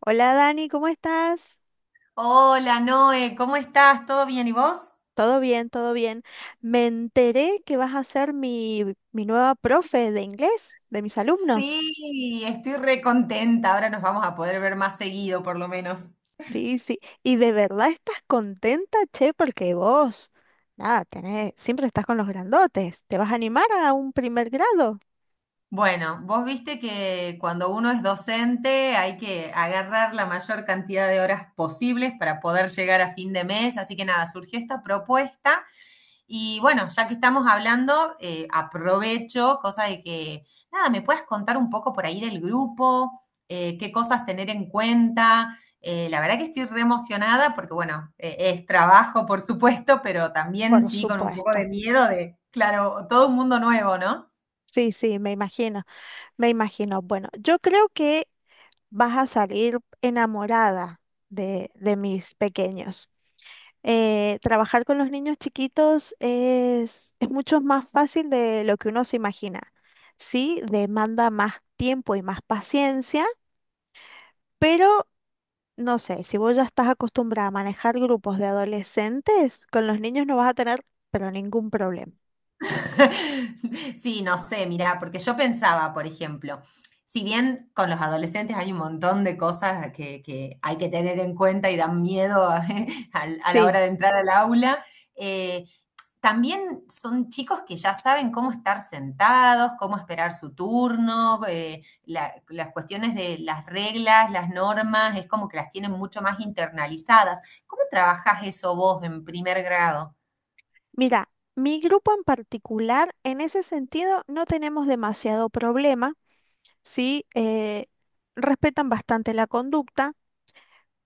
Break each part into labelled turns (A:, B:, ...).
A: Hola Dani, ¿cómo estás?
B: Hola Noé, ¿cómo estás? ¿Todo bien y vos?
A: Todo bien, todo bien. Me enteré que vas a ser mi nueva profe de inglés, de mis alumnos.
B: Sí, estoy re contenta. Ahora nos vamos a poder ver más seguido, por lo menos.
A: Sí, sí. ¿Y de verdad estás contenta, che? Porque vos, nada, tenés, siempre estás con los grandotes. ¿Te vas a animar a un primer grado?
B: Bueno, vos viste que cuando uno es docente hay que agarrar la mayor cantidad de horas posibles para poder llegar a fin de mes. Así que nada, surgió esta propuesta. Y bueno, ya que estamos hablando, aprovecho, cosa de que, nada, me puedes contar un poco por ahí del grupo. Qué cosas tener en cuenta. La verdad que estoy re emocionada porque, bueno, es trabajo, por supuesto, pero también
A: Por
B: sí con un poco de
A: supuesto.
B: miedo de, claro, todo un mundo nuevo, ¿no?
A: Sí, sí, me imagino, me imagino. Bueno, yo creo que vas a salir enamorada de mis pequeños. Trabajar con los niños chiquitos es mucho más fácil de lo que uno se imagina. Sí, demanda más tiempo y más paciencia, pero no sé, si vos ya estás acostumbrada a manejar grupos de adolescentes, con los niños no vas a tener, pero ningún problema.
B: Sí, no sé, mirá, porque yo pensaba, por ejemplo, si bien con los adolescentes hay un montón de cosas que hay que tener en cuenta y dan miedo a la
A: Sí,
B: hora de entrar al aula, eh, también son chicos que ya saben cómo estar sentados, cómo esperar su turno, las cuestiones de las reglas, las normas, es como que las tienen mucho más internalizadas. ¿Cómo trabajás eso vos en primer grado?
A: mira, mi grupo en particular, en ese sentido, no tenemos demasiado problema, sí, respetan bastante la conducta.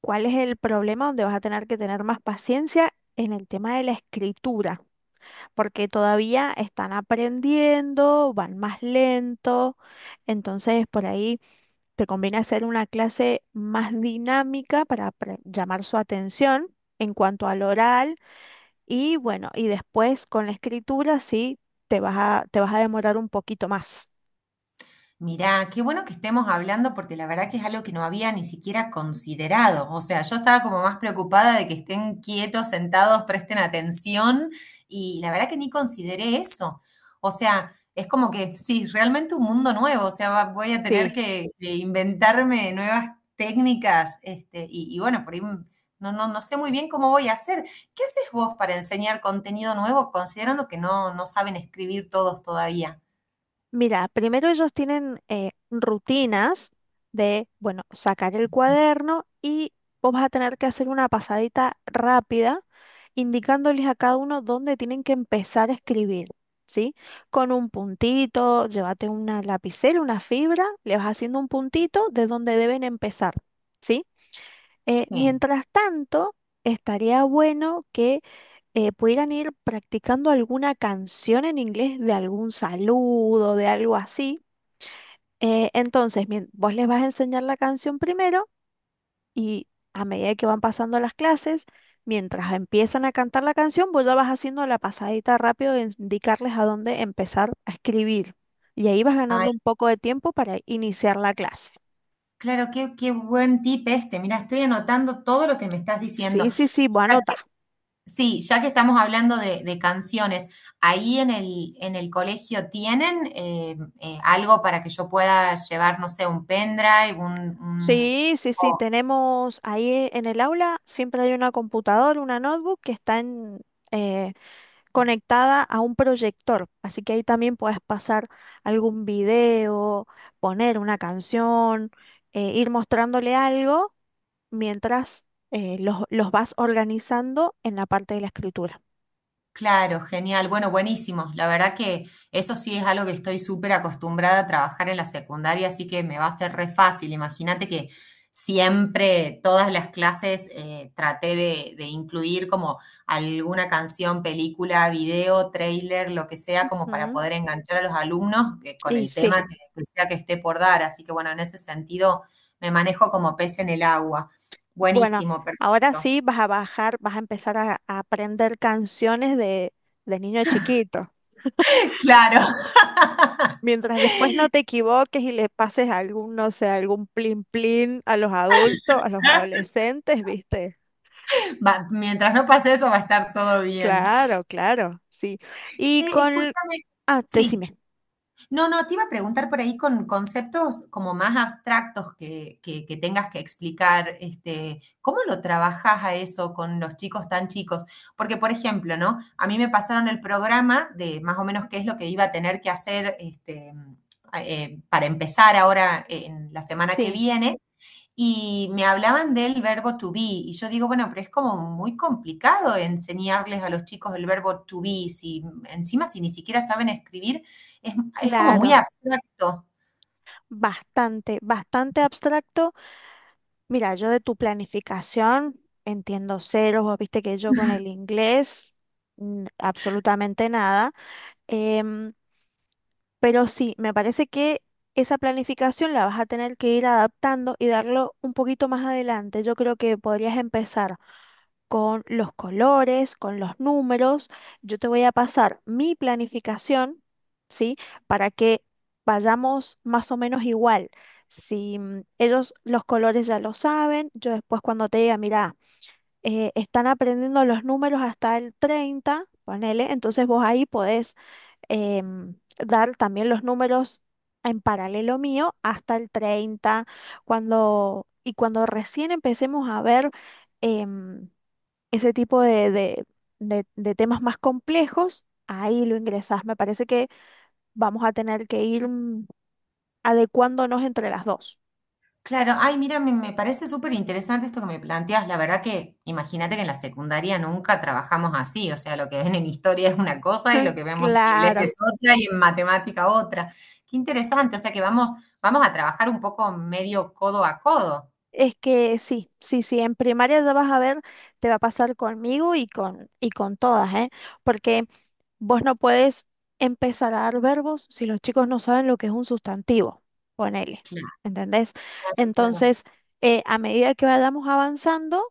A: ¿Cuál es el problema donde vas a tener que tener más paciencia en el tema de la escritura? Porque todavía están aprendiendo, van más lento, entonces por ahí te conviene hacer una clase más dinámica para llamar su atención en cuanto al oral, y bueno, y después con la escritura sí te vas a demorar un poquito más.
B: Mirá, qué bueno que estemos hablando porque la verdad que es algo que no había ni siquiera considerado. O sea, yo estaba como más preocupada de que estén quietos, sentados, presten atención, y la verdad que ni consideré eso. O sea, es como que sí, realmente un mundo nuevo. O sea, voy a tener
A: Sí.
B: que inventarme nuevas técnicas. Este, y bueno, por ahí no sé muy bien cómo voy a hacer. ¿Qué haces vos para enseñar contenido nuevo considerando que no saben escribir todos todavía?
A: Mira, primero ellos tienen rutinas de, bueno, sacar el cuaderno, y vos vas a tener que hacer una pasadita rápida indicándoles a cada uno dónde tienen que empezar a escribir, ¿sí? Con un puntito, llévate una lapicera, una fibra, le vas haciendo un puntito de dónde deben empezar, ¿sí?
B: Sí.
A: Mientras tanto, estaría bueno que pudieran ir practicando alguna canción en inglés, de algún saludo, de algo así. Entonces, vos les vas a enseñar la canción primero, y a medida que van pasando las clases, mientras empiezan a cantar la canción, vos ya vas haciendo la pasadita rápido de indicarles a dónde empezar a escribir. Y ahí vas ganando un poco de tiempo para iniciar la clase.
B: Claro, qué buen tip este. Mira, estoy anotando todo lo que me estás diciendo.
A: Sí, sí, sí, vos
B: Ya
A: anotá.
B: que- sí, ya que estamos hablando de canciones, ¿ahí en el colegio tienen algo para que yo pueda llevar, no sé, un pendrive,
A: Sí, sí, sí, tenemos ahí en el aula, siempre hay una computadora, una notebook que está eh, conectada a un proyector, así que ahí también puedes pasar algún video, poner una canción, ir mostrándole algo mientras los vas organizando en la parte de la escritura.
B: Claro, genial. Bueno, buenísimo. La verdad que eso sí es algo que estoy súper acostumbrada a trabajar en la secundaria, así que me va a ser re fácil. Imagínate que siempre todas las clases traté de incluir como alguna canción, película, video, trailer, lo que sea, como para
A: Ujú.
B: poder enganchar a los alumnos con
A: Y
B: el
A: sí,
B: tema que sea que esté por dar. Así que bueno, en ese sentido me manejo como pez en el agua.
A: bueno,
B: Buenísimo,
A: ahora
B: perfecto.
A: sí vas a bajar, vas a empezar a aprender canciones de niño chiquito.
B: Claro.
A: Mientras después no te equivoques y le pases algún, no sé, algún plin plin a los adultos, a los adolescentes, ¿viste?
B: Mientras no pase eso, va a estar todo bien.
A: Claro, claro, sí. Y
B: Che,
A: con...
B: escúchame.
A: Ah,
B: Sí.
A: decime.
B: No, no, te iba a preguntar por ahí con conceptos como más abstractos que tengas que explicar, este, ¿cómo lo trabajas a eso con los chicos tan chicos? Porque, por ejemplo, ¿no? A mí me pasaron el programa de más o menos qué es lo que iba a tener que hacer este, para empezar ahora en la semana que
A: Sí,
B: viene. Y me hablaban del verbo to be, y yo digo, bueno, pero es como muy complicado enseñarles a los chicos el verbo to be, si encima si ni siquiera saben escribir, es, es como muy
A: claro,
B: abstracto.
A: bastante, bastante abstracto. Mira, yo de tu planificación entiendo ceros. Vos viste que yo con el inglés, absolutamente nada. Em, Pero sí, me parece que esa planificación la vas a tener que ir adaptando y darlo un poquito más adelante. Yo creo que podrías empezar con los colores, con los números. Yo te voy a pasar mi planificación, ¿sí? Para que vayamos más o menos igual. Si mm, Ellos los colores ya lo saben, yo después cuando te diga, mira, están aprendiendo los números hasta el 30, ponele, entonces vos ahí podés dar también los números en paralelo mío hasta el 30 y cuando recién empecemos a ver em, ese tipo de temas más complejos, ahí lo ingresás. Me parece que vamos a tener que ir adecuándonos entre las dos.
B: Claro, ay, mira, me parece súper interesante esto que me planteas. La verdad que imagínate que en la secundaria nunca trabajamos así, o sea, lo que ven en historia es una cosa y lo que vemos en inglés
A: Claro.
B: es otra y en matemática otra. Qué interesante, o sea que vamos a trabajar un poco medio codo a codo.
A: Es que sí, sí, sí, en primaria ya vas a ver, te va a pasar conmigo y con todas, ¿eh? Porque vos no puedes empezar a dar verbos si los chicos no saben lo que es un sustantivo, ponele,
B: Claro,
A: ¿entendés?
B: claro.
A: Entonces, a medida que vayamos avanzando,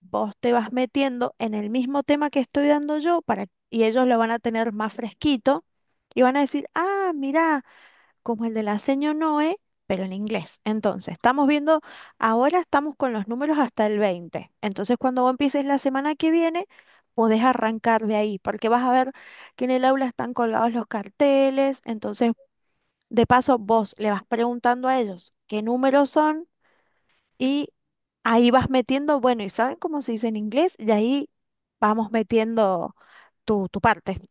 A: vos te vas metiendo en el mismo tema que estoy dando yo, para, y ellos lo van a tener más fresquito y van a decir, ah, mirá como el de la seño Noe, pero en inglés. Entonces, estamos viendo, ahora estamos con los números hasta el 20. Entonces, cuando vos empieces la semana que viene, podés arrancar de ahí, porque vas a ver que en el aula están colgados los carteles. Entonces, de paso, vos le vas preguntando a ellos qué números son, y ahí vas metiendo, bueno, ¿y saben cómo se dice en inglés? Y ahí vamos metiendo tu parte.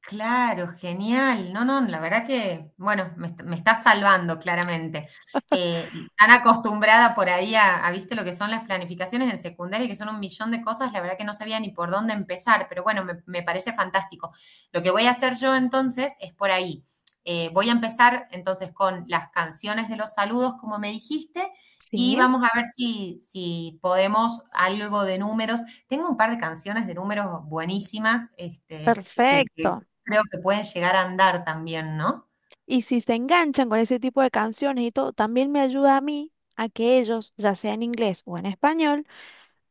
B: Claro, genial. No, no, la verdad que, bueno, me está salvando claramente. Y tan acostumbrada por ahí a, viste, lo que son las planificaciones en secundaria, que son un millón de cosas, la verdad que no sabía ni por dónde empezar, pero bueno, me parece fantástico. Lo que voy a hacer yo entonces es por ahí. Voy a empezar entonces con las canciones de los saludos, como me dijiste, y
A: Sí,
B: vamos a ver si podemos algo de números. Tengo un par de canciones de números buenísimas, este que,
A: perfecto.
B: creo que pueden llegar a andar también, ¿no?
A: Y si se enganchan con ese tipo de canciones y todo, también me ayuda a mí a que ellos, ya sea en inglés o en español,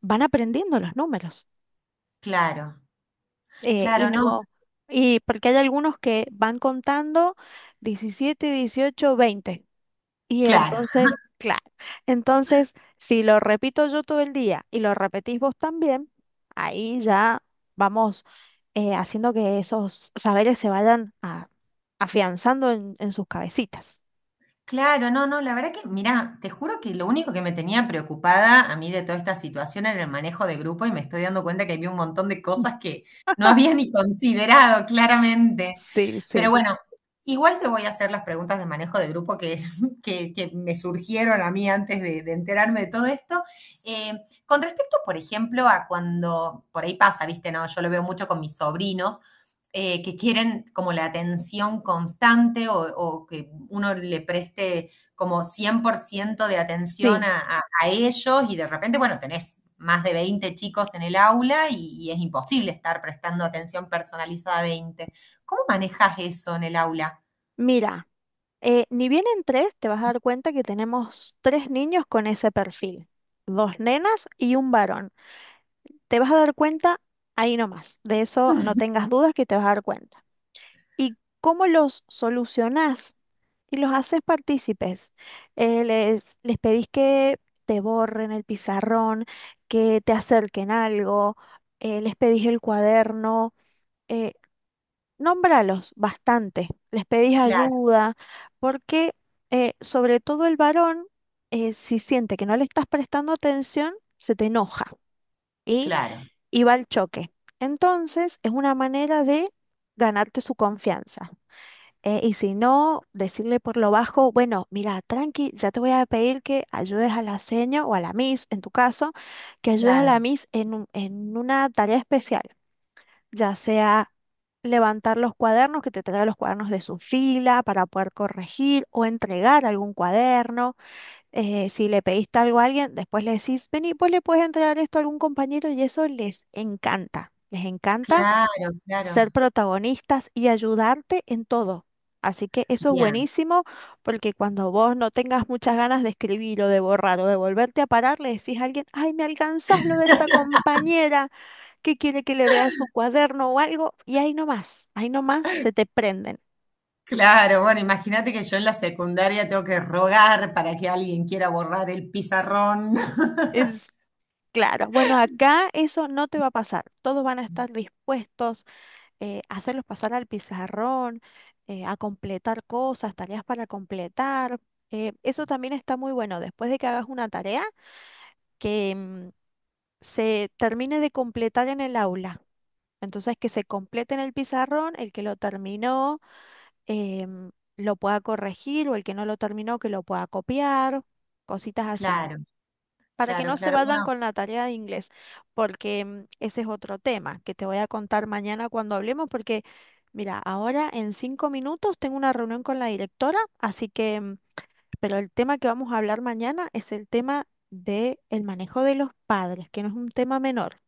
A: van aprendiendo los números.
B: Claro,
A: Y
B: claro, no,
A: no, y porque hay algunos que van contando 17, 18, 20. Y
B: claro,
A: entonces, claro, entonces si lo repito yo todo el día y lo repetís vos también, ahí ya vamos haciendo que esos saberes se vayan afianzando en sus cabecitas.
B: claro, no, no, la verdad que, mirá, te juro que lo único que me tenía preocupada a mí de toda esta situación era el manejo de grupo y me estoy dando cuenta que había un montón de cosas que no había ni considerado, claramente.
A: Sí,
B: Pero
A: sí,
B: bueno, igual te voy a hacer las preguntas de manejo de grupo que, que me surgieron a mí antes de enterarme de todo esto. Eh, con respecto, por ejemplo, a cuando por ahí pasa, viste, no, yo lo veo mucho con mis sobrinos, que quieren como la atención constante o que uno le preste como 100% de atención
A: sí.
B: a ellos y de repente, bueno, tenés más de 20 chicos en el aula y es imposible estar prestando atención personalizada a 20. ¿Cómo manejas eso en el aula?
A: Mira, ni bien en tres te vas a dar cuenta que tenemos tres niños con ese perfil, dos nenas y un varón. Te vas a dar cuenta ahí nomás, de eso no tengas dudas que te vas a dar cuenta. ¿Y cómo los solucionás? Y los haces partícipes. Les pedís que te borren el pizarrón, que te acerquen algo, les pedís el cuaderno. eh, Nómbralos bastante, les pedís
B: Claro,
A: ayuda, porque sobre todo el varón, si siente que no le estás prestando atención, se te enoja y,
B: claro,
A: y va al choque. Entonces, es una manera de ganarte su confianza. Y si no, decirle por lo bajo, bueno, mira, tranqui, ya te voy a pedir que ayudes a la seño o a la miss, en tu caso, que ayudes a la
B: claro,
A: miss en una tarea especial, ya sea levantar los cuadernos, que te traiga los cuadernos de su fila para poder corregir o entregar algún cuaderno. Si le pediste algo a alguien, después le decís, vení, pues le puedes entregar esto a algún compañero, y eso les encanta. Les encanta
B: claro, claro.
A: ser protagonistas y ayudarte en todo. Así que eso es
B: Bien,
A: buenísimo, porque cuando vos no tengas muchas ganas de escribir o de borrar o de volverte a parar, le decís a alguien, ay, me alcanzás lo de esta compañera que quiere que le vea su cuaderno o algo, y ahí nomás se te prenden.
B: claro. Bueno, imagínate que yo en la secundaria tengo que rogar para que alguien quiera borrar el pizarrón.
A: Es claro, bueno, acá eso no te va a pasar. Todos van a estar dispuestos a hacerlos pasar al pizarrón, a completar cosas, tareas para completar. Eso también está muy bueno, después de que hagas una tarea, que se termine de completar en el aula. Entonces, que se complete en el pizarrón, el que lo terminó em, lo pueda corregir, o el que no lo terminó que lo pueda copiar, cositas así,
B: Claro,
A: para que
B: claro,
A: no se
B: claro.
A: vayan
B: Bueno.
A: con la tarea de inglés, porque ese es otro tema que te voy a contar mañana cuando hablemos, porque mira, ahora en 5 minutos tengo una reunión con la directora, así que pero el tema que vamos a hablar mañana es el tema del manejo de los padres, que no es un tema menor,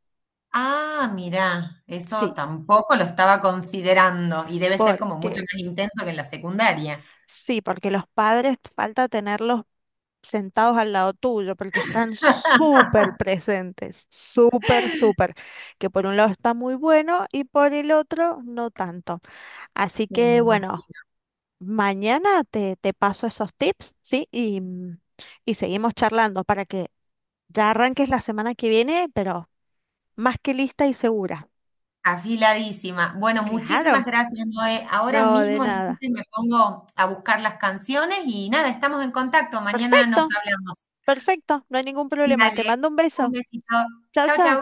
B: Ah, mirá, eso
A: sí,
B: tampoco lo estaba considerando y debe ser como mucho
A: porque...
B: más intenso que en la secundaria.
A: Sí, porque los padres falta tenerlos sentados al lado tuyo, porque están súper presentes, súper, súper, que por un lado está muy bueno y por el otro no tanto.
B: Sí,
A: Así
B: me
A: que bueno,
B: imagino.
A: mañana te paso esos tips, ¿sí? Y seguimos charlando para que ya arranques la semana que viene, pero más que lista y segura.
B: Afiladísima. Bueno, muchísimas
A: Claro,
B: gracias, Noé. Ahora
A: no, de
B: mismo
A: nada.
B: entonces me pongo a buscar las canciones y nada, estamos en contacto. Mañana nos
A: Perfecto,
B: hablamos.
A: perfecto, no hay ningún problema. Te
B: Dale,
A: mando un
B: un
A: beso.
B: besito.
A: Chao,
B: Chau, chau.
A: chao.